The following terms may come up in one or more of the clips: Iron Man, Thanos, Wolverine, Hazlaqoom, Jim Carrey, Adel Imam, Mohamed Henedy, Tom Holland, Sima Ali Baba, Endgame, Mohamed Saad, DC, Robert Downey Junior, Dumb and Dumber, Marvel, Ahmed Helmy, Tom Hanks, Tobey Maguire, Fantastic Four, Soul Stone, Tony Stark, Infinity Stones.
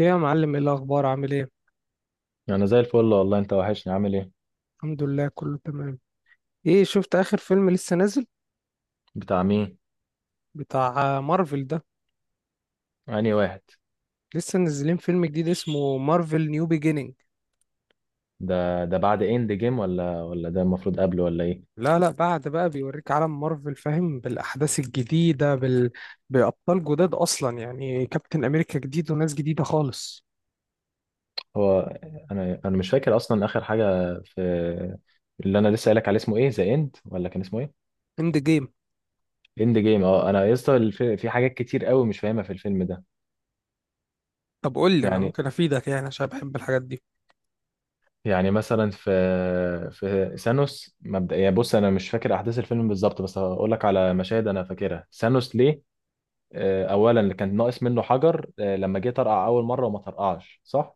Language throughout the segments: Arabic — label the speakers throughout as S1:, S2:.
S1: ايه يا معلم، ايه الاخبار؟ عامل ايه؟
S2: انا زي الفل والله، انت وحشني، عامل ايه؟
S1: الحمد لله، كله تمام. ايه، شفت اخر فيلم لسه نازل؟
S2: بتاع مين؟
S1: بتاع مارفل ده.
S2: انهي واحد؟
S1: لسه نازلين فيلم جديد اسمه مارفل نيو بيجينينج.
S2: ده بعد اند جيم ولا ده المفروض قبله ولا ايه؟
S1: لا، بعد بقى بيوريك عالم مارفل، فاهم؟ بالاحداث الجديده بابطال جداد اصلا. يعني كابتن امريكا جديد وناس جديده خالص.
S2: هو انا مش فاكر اصلا اخر حاجه في اللي انا لسه قايلك عليه. اسمه ايه؟ ذا اند ولا كان اسمه ايه؟
S1: اند جيم.
S2: اند جيم. اه انا يا اسطى، في حاجات كتير قوي مش فاهمها في الفيلم ده.
S1: طب قول لي، انا
S2: يعني
S1: ممكن افيدك يعني عشان بحب الحاجات دي.
S2: يعني مثلا في ثانوس مبدئيا، بص، انا مش فاكر احداث الفيلم بالظبط بس هقول لك على مشاهد انا فاكرها. ثانوس ليه؟ اولا اللي كان ناقص منه حجر. لما جه طرقع اول مره وما طرقعش صح.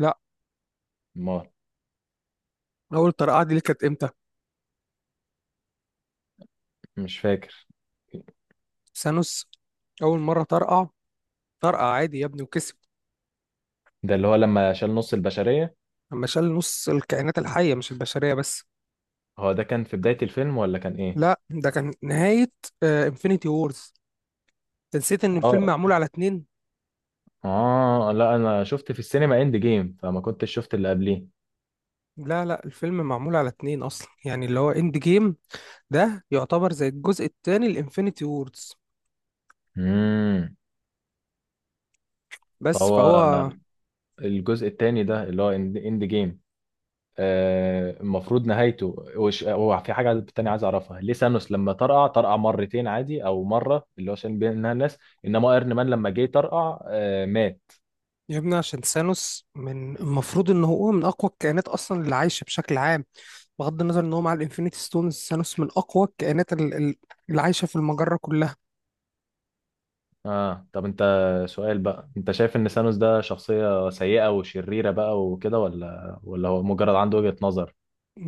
S1: لا،
S2: ما،
S1: اول طرقعه دي ليه؟ كانت امتى؟
S2: مش فاكر.
S1: ثانوس اول مره طرقع، طرقع عادي يا ابني وكسب.
S2: ده اللي هو لما شال نص البشريه.
S1: اما شال نص الكائنات الحيه، مش البشريه بس.
S2: هو ده كان في بدايه الفيلم ولا كان ايه؟
S1: لا، ده كان نهاية انفينيتي وورز. انت نسيت ان الفيلم
S2: اه،
S1: معمول على اتنين.
S2: اه، لا، انا شفت في السينما اند جيم فما كنتش شفت اللي قبليه.
S1: لا، الفيلم معمول على اتنين اصلا، يعني اللي هو اند جيم ده يعتبر زي الجزء التاني لانفينيتي وورز.
S2: امم
S1: بس
S2: فهو
S1: فهو.
S2: الجزء التاني ده اللي هو اند جيم. المفروض نهايته، هو في حاجة تانية عايز أعرفها. ليه سانوس لما طرقع، طرقع مرتين عادي أو مرة، اللي هو عشان بينها الناس؟ إنما ايرن مان لما جه طرقع مات.
S1: يا ابني، عشان ثانوس من المفروض ان هو من اقوى الكائنات اصلا اللي عايشة بشكل عام. بغض النظر ان هو مع الانفينيتي ستونز، ثانوس من اقوى الكائنات اللي عايشة في المجرة كلها.
S2: طب أنت، سؤال بقى، أنت شايف إن سانوس ده شخصية سيئة وشريرة بقى وكده ولا هو مجرد عنده وجهة نظر؟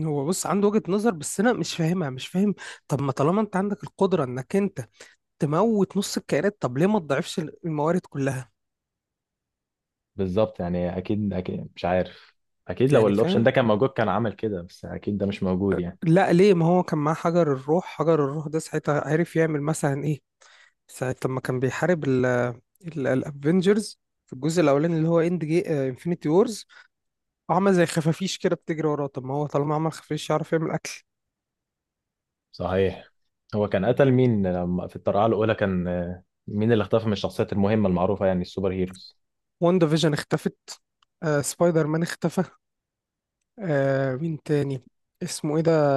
S1: هو بص، عنده وجهة نظر بس انا مش فاهمها، مش فاهم. طب ما طالما انت عندك القدرة انك انت تموت نص الكائنات، طب ليه ما تضعفش الموارد كلها؟
S2: بالظبط، يعني أكيد أكيد مش عارف. أكيد لو
S1: يعني
S2: الأوبشن
S1: فاهم؟
S2: ده كان موجود كان عمل كده، بس أكيد ده مش موجود يعني.
S1: لا ليه؟ ما هو كان معاه حجر الروح. حجر الروح ده ساعتها عرف يعمل مثلا ايه؟ ساعة لما كان بيحارب الافنجرز في الجزء الاولاني، اللي هو اند جي انفينيتي وورز، عمل زي خفافيش كده بتجري وراه. طب ما هو طالما عمل خفافيش، يعرف يعمل اكل.
S2: صحيح. هو كان قتل مين لما في الطرقعة الأولى؟ كان مين اللي اختفى من الشخصيات المهمة المعروفة، يعني السوبر هيروز؟
S1: واندا فيجن اختفت، آه سبايدر مان اختفى، آه مين تاني؟ اسمه ايه ده؟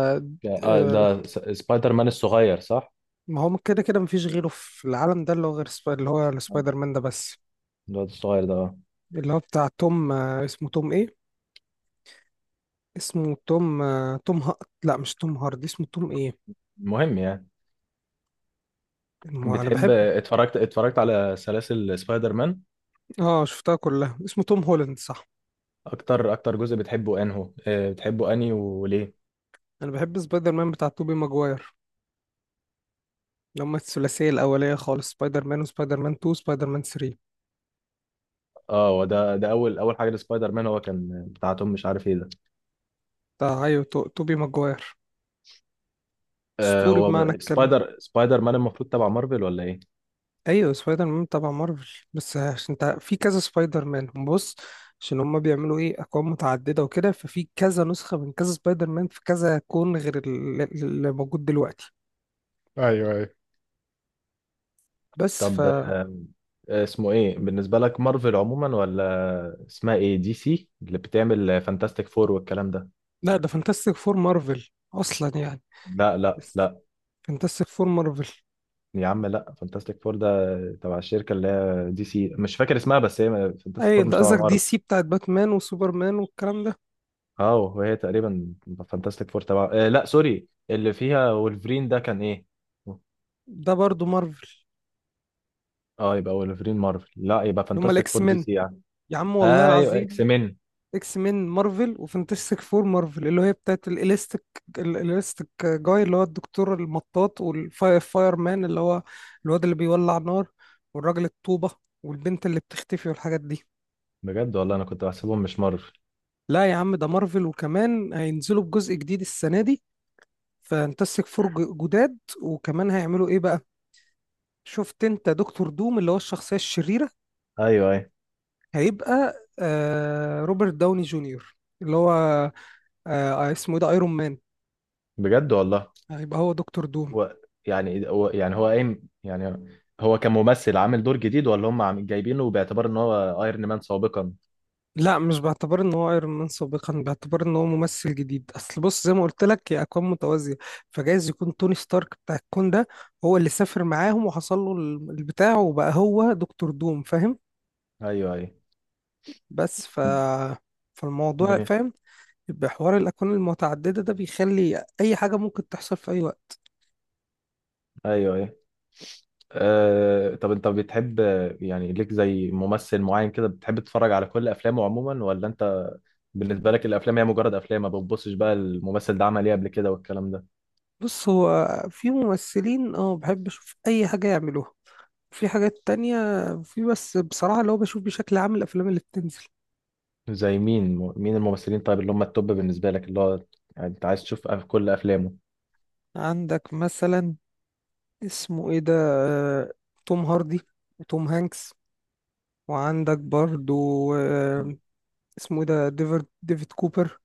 S2: آه،
S1: آه،
S2: ده سبايدر مان الصغير، صح؟
S1: ما هو كده كده مفيش غيره في العالم ده، اللي هو غير اللي هو
S2: آه،
S1: سبايدر مان ده بس.
S2: الواد الصغير ده.
S1: اللي هو بتاع توم، اسمه توم ايه؟ اسمه توم، لا، مش توم هاردي، اسمه توم ايه؟
S2: المهم يعني.
S1: انا
S2: بتحب،
S1: بحب.
S2: اتفرجت على سلاسل سبايدر مان؟
S1: اه شفتها كلها، اسمه توم هولاند صح.
S2: أكتر جزء بتحبه أنهو، بتحبه أنهي وليه؟
S1: انا بحب سبايدر مان بتاع توبي ماجواير، اللي هم الثلاثيه الاوليه خالص: سبايدر مان، وسبايدر مان 2، سبايدر مان 3.
S2: اه، هو ده أول أول حاجة لسبايدر مان، هو كان بتاعتهم، مش عارف ايه ده.
S1: بتاع ايوه، توبي ماجواير.
S2: آه،
S1: اسطوري
S2: هو
S1: بمعنى الكلمه.
S2: سبايدر مان المفروض تبع مارفل ولا ايه؟
S1: ايوه سبايدر مان تبع مارفل، بس عشان انت في كذا سبايدر مان، بص، عشان هما بيعملوا ايه، اكوان متعدده وكده، ففي كذا نسخه من كذا سبايدر مان في كذا كون غير اللي موجود دلوقتي.
S2: ايوه، ايوه.
S1: بس ف.
S2: طب اسمه ايه بالنسبة لك؟ مارفل عموما ولا اسمها ايه دي سي اللي بتعمل فانتاستيك فور والكلام ده؟
S1: لا، ده فانتاستيك فور مارفل اصلا يعني.
S2: لا، لا،
S1: بس
S2: لا.
S1: فانتاستيك فور مارفل.
S2: يا عم لا، فانتاستيك فور ده تبع الشركة اللي هي دي سي، مش فاكر اسمها، بس هي، فانتاستيك
S1: اي
S2: فور مش
S1: ده
S2: تبع
S1: قصدك دي
S2: مارفل.
S1: سي بتاعت باتمان وسوبرمان والكلام ده.
S2: اه، وهي تقريبا فانتاستيك فور تبع، لا سوري، اللي فيها وولفرين ده كان ايه؟
S1: ده برضو مارفل.
S2: اه يبقى وولفرين مارفل، لا يبقى
S1: اللي هم
S2: فانتاستيك
S1: الاكس
S2: فور دي
S1: مين.
S2: سي يعني.
S1: يا عم والله
S2: ايوه، اكس
S1: العظيم،
S2: مين.
S1: اكس مين مارفل، وفانتاستيك فور مارفل اللي هي بتاعت الاليستيك. الاليستيك جاي اللي هو الدكتور المطاط، والفاير مان اللي هو الواد اللي بيولع نار، والراجل الطوبة، والبنت اللي بتختفي، والحاجات دي.
S2: بجد والله، انا كنت بحسبهم مش مارفل.
S1: لا يا عم، ده مارفل، وكمان هينزلوا بجزء جديد السنة دي، فانتسك فور جداد، وكمان هيعملوا ايه بقى. شفت انت دكتور دوم اللي هو الشخصية الشريرة؟
S2: ايوه، ايوه.
S1: هيبقى روبرت داوني جونيور، اللي هو اسمه ايه ده، ايرون مان،
S2: بجد والله.
S1: هيبقى هو دكتور دوم.
S2: هو هو قايم يعني. هو كممثل عامل دور جديد ولا هم جايبينه باعتبار ان هو ايرون مان سابقا؟
S1: لا، مش باعتبار ان هو ايرون مان سابقا، باعتبار ان هو ممثل جديد. اصل بص زي ما قلت لك، هي اكوان متوازية، فجايز يكون توني ستارك بتاع الكون ده هو اللي سافر معاهم وحصل له البتاع، وبقى هو دكتور دوم، فاهم.
S2: ايوه، ايوه.
S1: بس ف، فالموضوع
S2: ايه.
S1: فاهم. يبقى حوار الأكوان المتعددة ده بيخلي أي حاجة ممكن تحصل في أي وقت.
S2: ايوه. ايه. أه طب انت بتحب، يعني ليك زي ممثل معين كده بتحب تتفرج على كل افلامه عموما، ولا انت بالنسبه لك الافلام هي مجرد افلام، ما بتبصش بقى الممثل ده عمل ايه قبل كده والكلام ده؟
S1: بص، هو في ممثلين اه بحب أشوف أي حاجة يعملوها، في حاجات تانية، في بس بصراحة اللي هو بشوف بشكل عام الأفلام اللي بتنزل.
S2: زي مين الممثلين طيب اللي هم التوب بالنسبه لك، اللي هو يعني انت عايز تشوف كل افلامه؟
S1: عندك مثلا، اسمه إيه ده، آه، توم هاردي، وتوم هانكس، وعندك برضو، آه، اسمه إيه ده، ديفيد، ديفيد كوبر.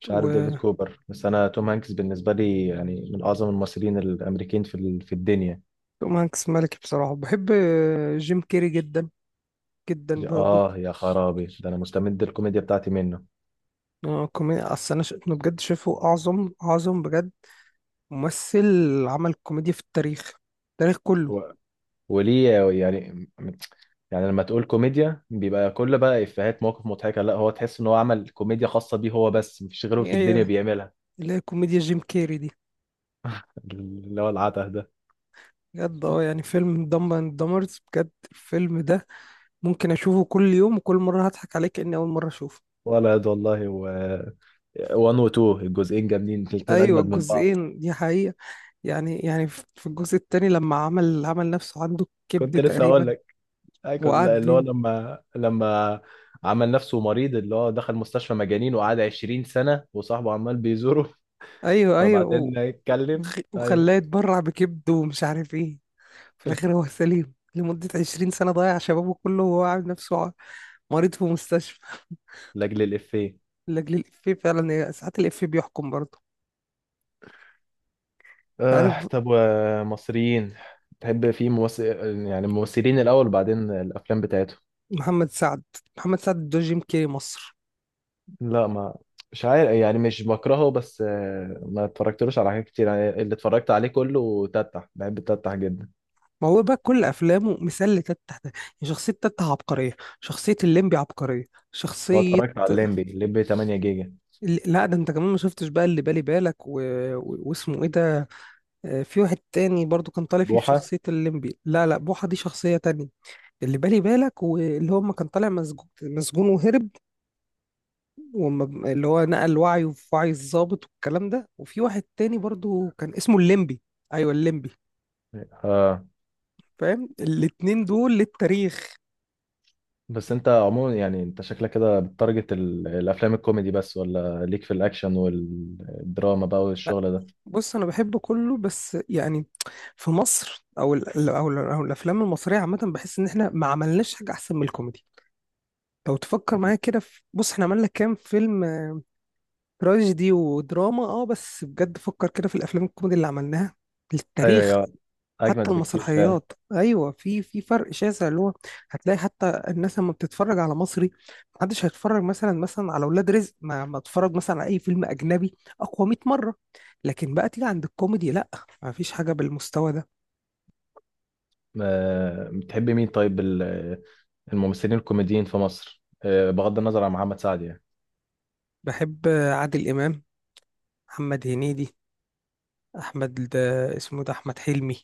S2: مش عارف ديفيد
S1: وتوم
S2: كوبر، بس انا توم هانكس بالنسبه لي يعني من اعظم الممثلين الامريكين في في الدنيا.
S1: هانكس ملكي بصراحة. بحب جيم كيري جدا جدا برضو.
S2: اه يا خرابي، ده انا مستمد الكوميديا بتاعتي منه.
S1: اه كوميديا، اصل انا إنه بجد شايفه اعظم، اعظم بجد ممثل عمل كوميديا في التاريخ، التاريخ كله.
S2: هو، وليه؟ يعني يعني لما تقول كوميديا بيبقى كل بقى افيهات مواقف مضحكه، لا هو تحس ان هو عمل كوميديا خاصه بيه هو بس مفيش غيره في الدنيا
S1: هي
S2: بيعملها؟
S1: اللي هي كوميديا جيم كيري دي.
S2: اللي هو العته ده.
S1: بجد اه، يعني فيلم دمب اند دمرز، بجد الفيلم ده ممكن اشوفه كل يوم، وكل مره هضحك عليه كاني اول مره اشوفه.
S2: ولد والله، و 1 و 2 الجزئين جامدين الاثنين
S1: ايوه
S2: اجمد من بعض.
S1: الجزئين دي حقيقه. يعني في الجزء التاني لما عمل، عمل نفسه عنده كبد
S2: كنت لسه
S1: تقريبا،
S2: اقول. ايوه،
S1: وقعد
S2: اللي هو
S1: بي،
S2: لما عمل نفسه مريض، اللي هو دخل مستشفى مجانين وقعد 20 سنة وصاحبه عمال بيزوره.
S1: ايوه ايوه،
S2: فبعدين يتكلم، ايوه.
S1: وخلاه يتبرع بكبده ومش عارف ايه. في الاخر هو سليم لمدة 20 سنة، ضيع شبابه كله وهو عامل نفسه مريض في مستشفى.
S2: لاجل الافيه.
S1: لأجل الإفيه، فعلا هي ساعات الإفيه بيحكم برضه، تعرف.
S2: طب ومصريين، تحب في ممثل، يعني الممثلين الاول وبعدين الافلام بتاعتهم؟
S1: محمد سعد. محمد سعد ده جيم كيري مصر.
S2: لا، ما مش عارف يعني، مش بكرهه بس ما اتفرجتلوش على حاجات كتير يعني، اللي اتفرجت عليه كله تتح، بحب تتح جدا.
S1: ما هو بقى كل أفلامه مثال لتتة ده. يعني شخصية تتة عبقرية، شخصية الليمبي عبقرية،
S2: هو
S1: شخصية
S2: اتفرجت على الليمبي 8 جيجا؟
S1: لا ده انت كمان ما شفتش بقى اللي بالي بالك واسمه ايه ده، في واحد تاني برضو كان طالع فيه
S2: بوحة.
S1: بشخصية الليمبي، لا، بوحة دي شخصية تانية. اللي بالي بالك واللي هو ما كان طالع، مسجون وهرب، اللي هو نقل وعيه في وعي الضابط والكلام ده، وفي واحد تاني برضو كان اسمه الليمبي. ايوه الليمبي،
S2: اه،
S1: فاهم. الاتنين دول للتاريخ.
S2: بس انت عموما يعني انت شكلك كده بتارجت الافلام الكوميدي بس، ولا ليك في الاكشن والدراما بقى
S1: لا،
S2: والشغل ده؟
S1: بص انا بحب كله بس يعني في مصر، او ال او, ال أو الافلام المصريه عامه، بحس ان احنا ما عملناش حاجه احسن من الكوميدي. لو تفكر معايا كده في، بص احنا عملنا كام فيلم تراجيدي ودراما؟ اه بس بجد فكر كده في الافلام الكوميدي اللي عملناها
S2: ايوه،
S1: للتاريخ.
S2: ايوه،
S1: حتى
S2: اجمد بكتير فعلا.
S1: المسرحيات، ايوه في في فرق شاسع، اللي هو هتلاقي حتى الناس لما بتتفرج على مصري، محدش هيتفرج مثلا على ولاد رزق ما اتفرج مثلا على اي فيلم اجنبي اقوى 100 مره. لكن بقى تيجي عند الكوميدي، لا، ما فيش حاجه بالمستوى ده.
S2: بتحب مين طيب الممثلين الكوميديين في مصر بغض النظر عن محمد سعد يعني؟
S1: بحب عادل امام، محمد هنيدي، احمد ده، اسمه ده، احمد حلمي.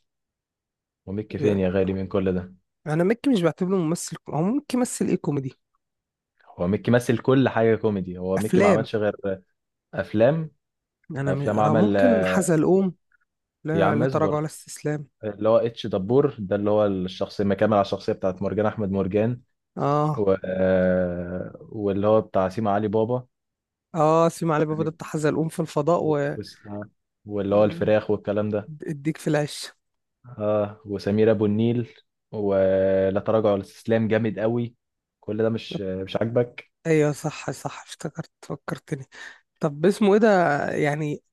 S2: وميكي فين يا غالي من كل ده؟
S1: انا مكي مش بعتبره ممثل، هو ممكن يمثل ايه كوميدي،
S2: هو ميكي مثل كل حاجه كوميدي، هو ميكي ما
S1: افلام.
S2: عملش غير افلام.
S1: انا
S2: افلام عمل
S1: ممكن
S2: آه،
S1: حزلقوم،
S2: يا
S1: لا
S2: عم
S1: لا تراجع
S2: اصبر.
S1: ولا استسلام.
S2: اللي هو اتش دبور ده اللي هو الشخصيه مكمل على الشخصيه بتاعت مرجان، احمد مرجان.
S1: اه.
S2: و... واللي هو بتاع سيما علي بابا.
S1: اه سيما علي بابا ده
S2: يعني،
S1: بتاع حزلقوم في الفضاء
S2: و- وس- آه. واللي هو الفراخ والكلام ده.
S1: واديك في العش.
S2: اه، وسمير ابو النيل. ولا تراجع ولا استسلام جامد قوي. كل ده مش عاجبك؟
S1: ايوه صح صح، افتكرت، فكرتني. طب اسمه ايه ده؟ يعني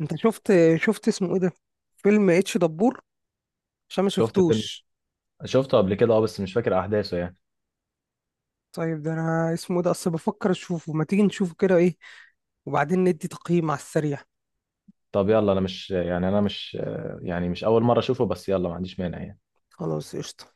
S1: انت شفت، شفت اسمه ايه ده، فيلم اتش دبور؟ عشان ما
S2: شفت فيلم،
S1: شفتوش.
S2: قبل كده اه، بس مش فاكر احداثه يعني.
S1: طيب ده انا اسمه إيه ده، اصل بفكر اشوفه. ما تيجي نشوفه كده، ايه، وبعدين ندي تقييم على السريع؟
S2: طب يلا، انا مش اول مره اشوفه بس يلا ما عنديش مانع يعني.
S1: خلاص قشطة.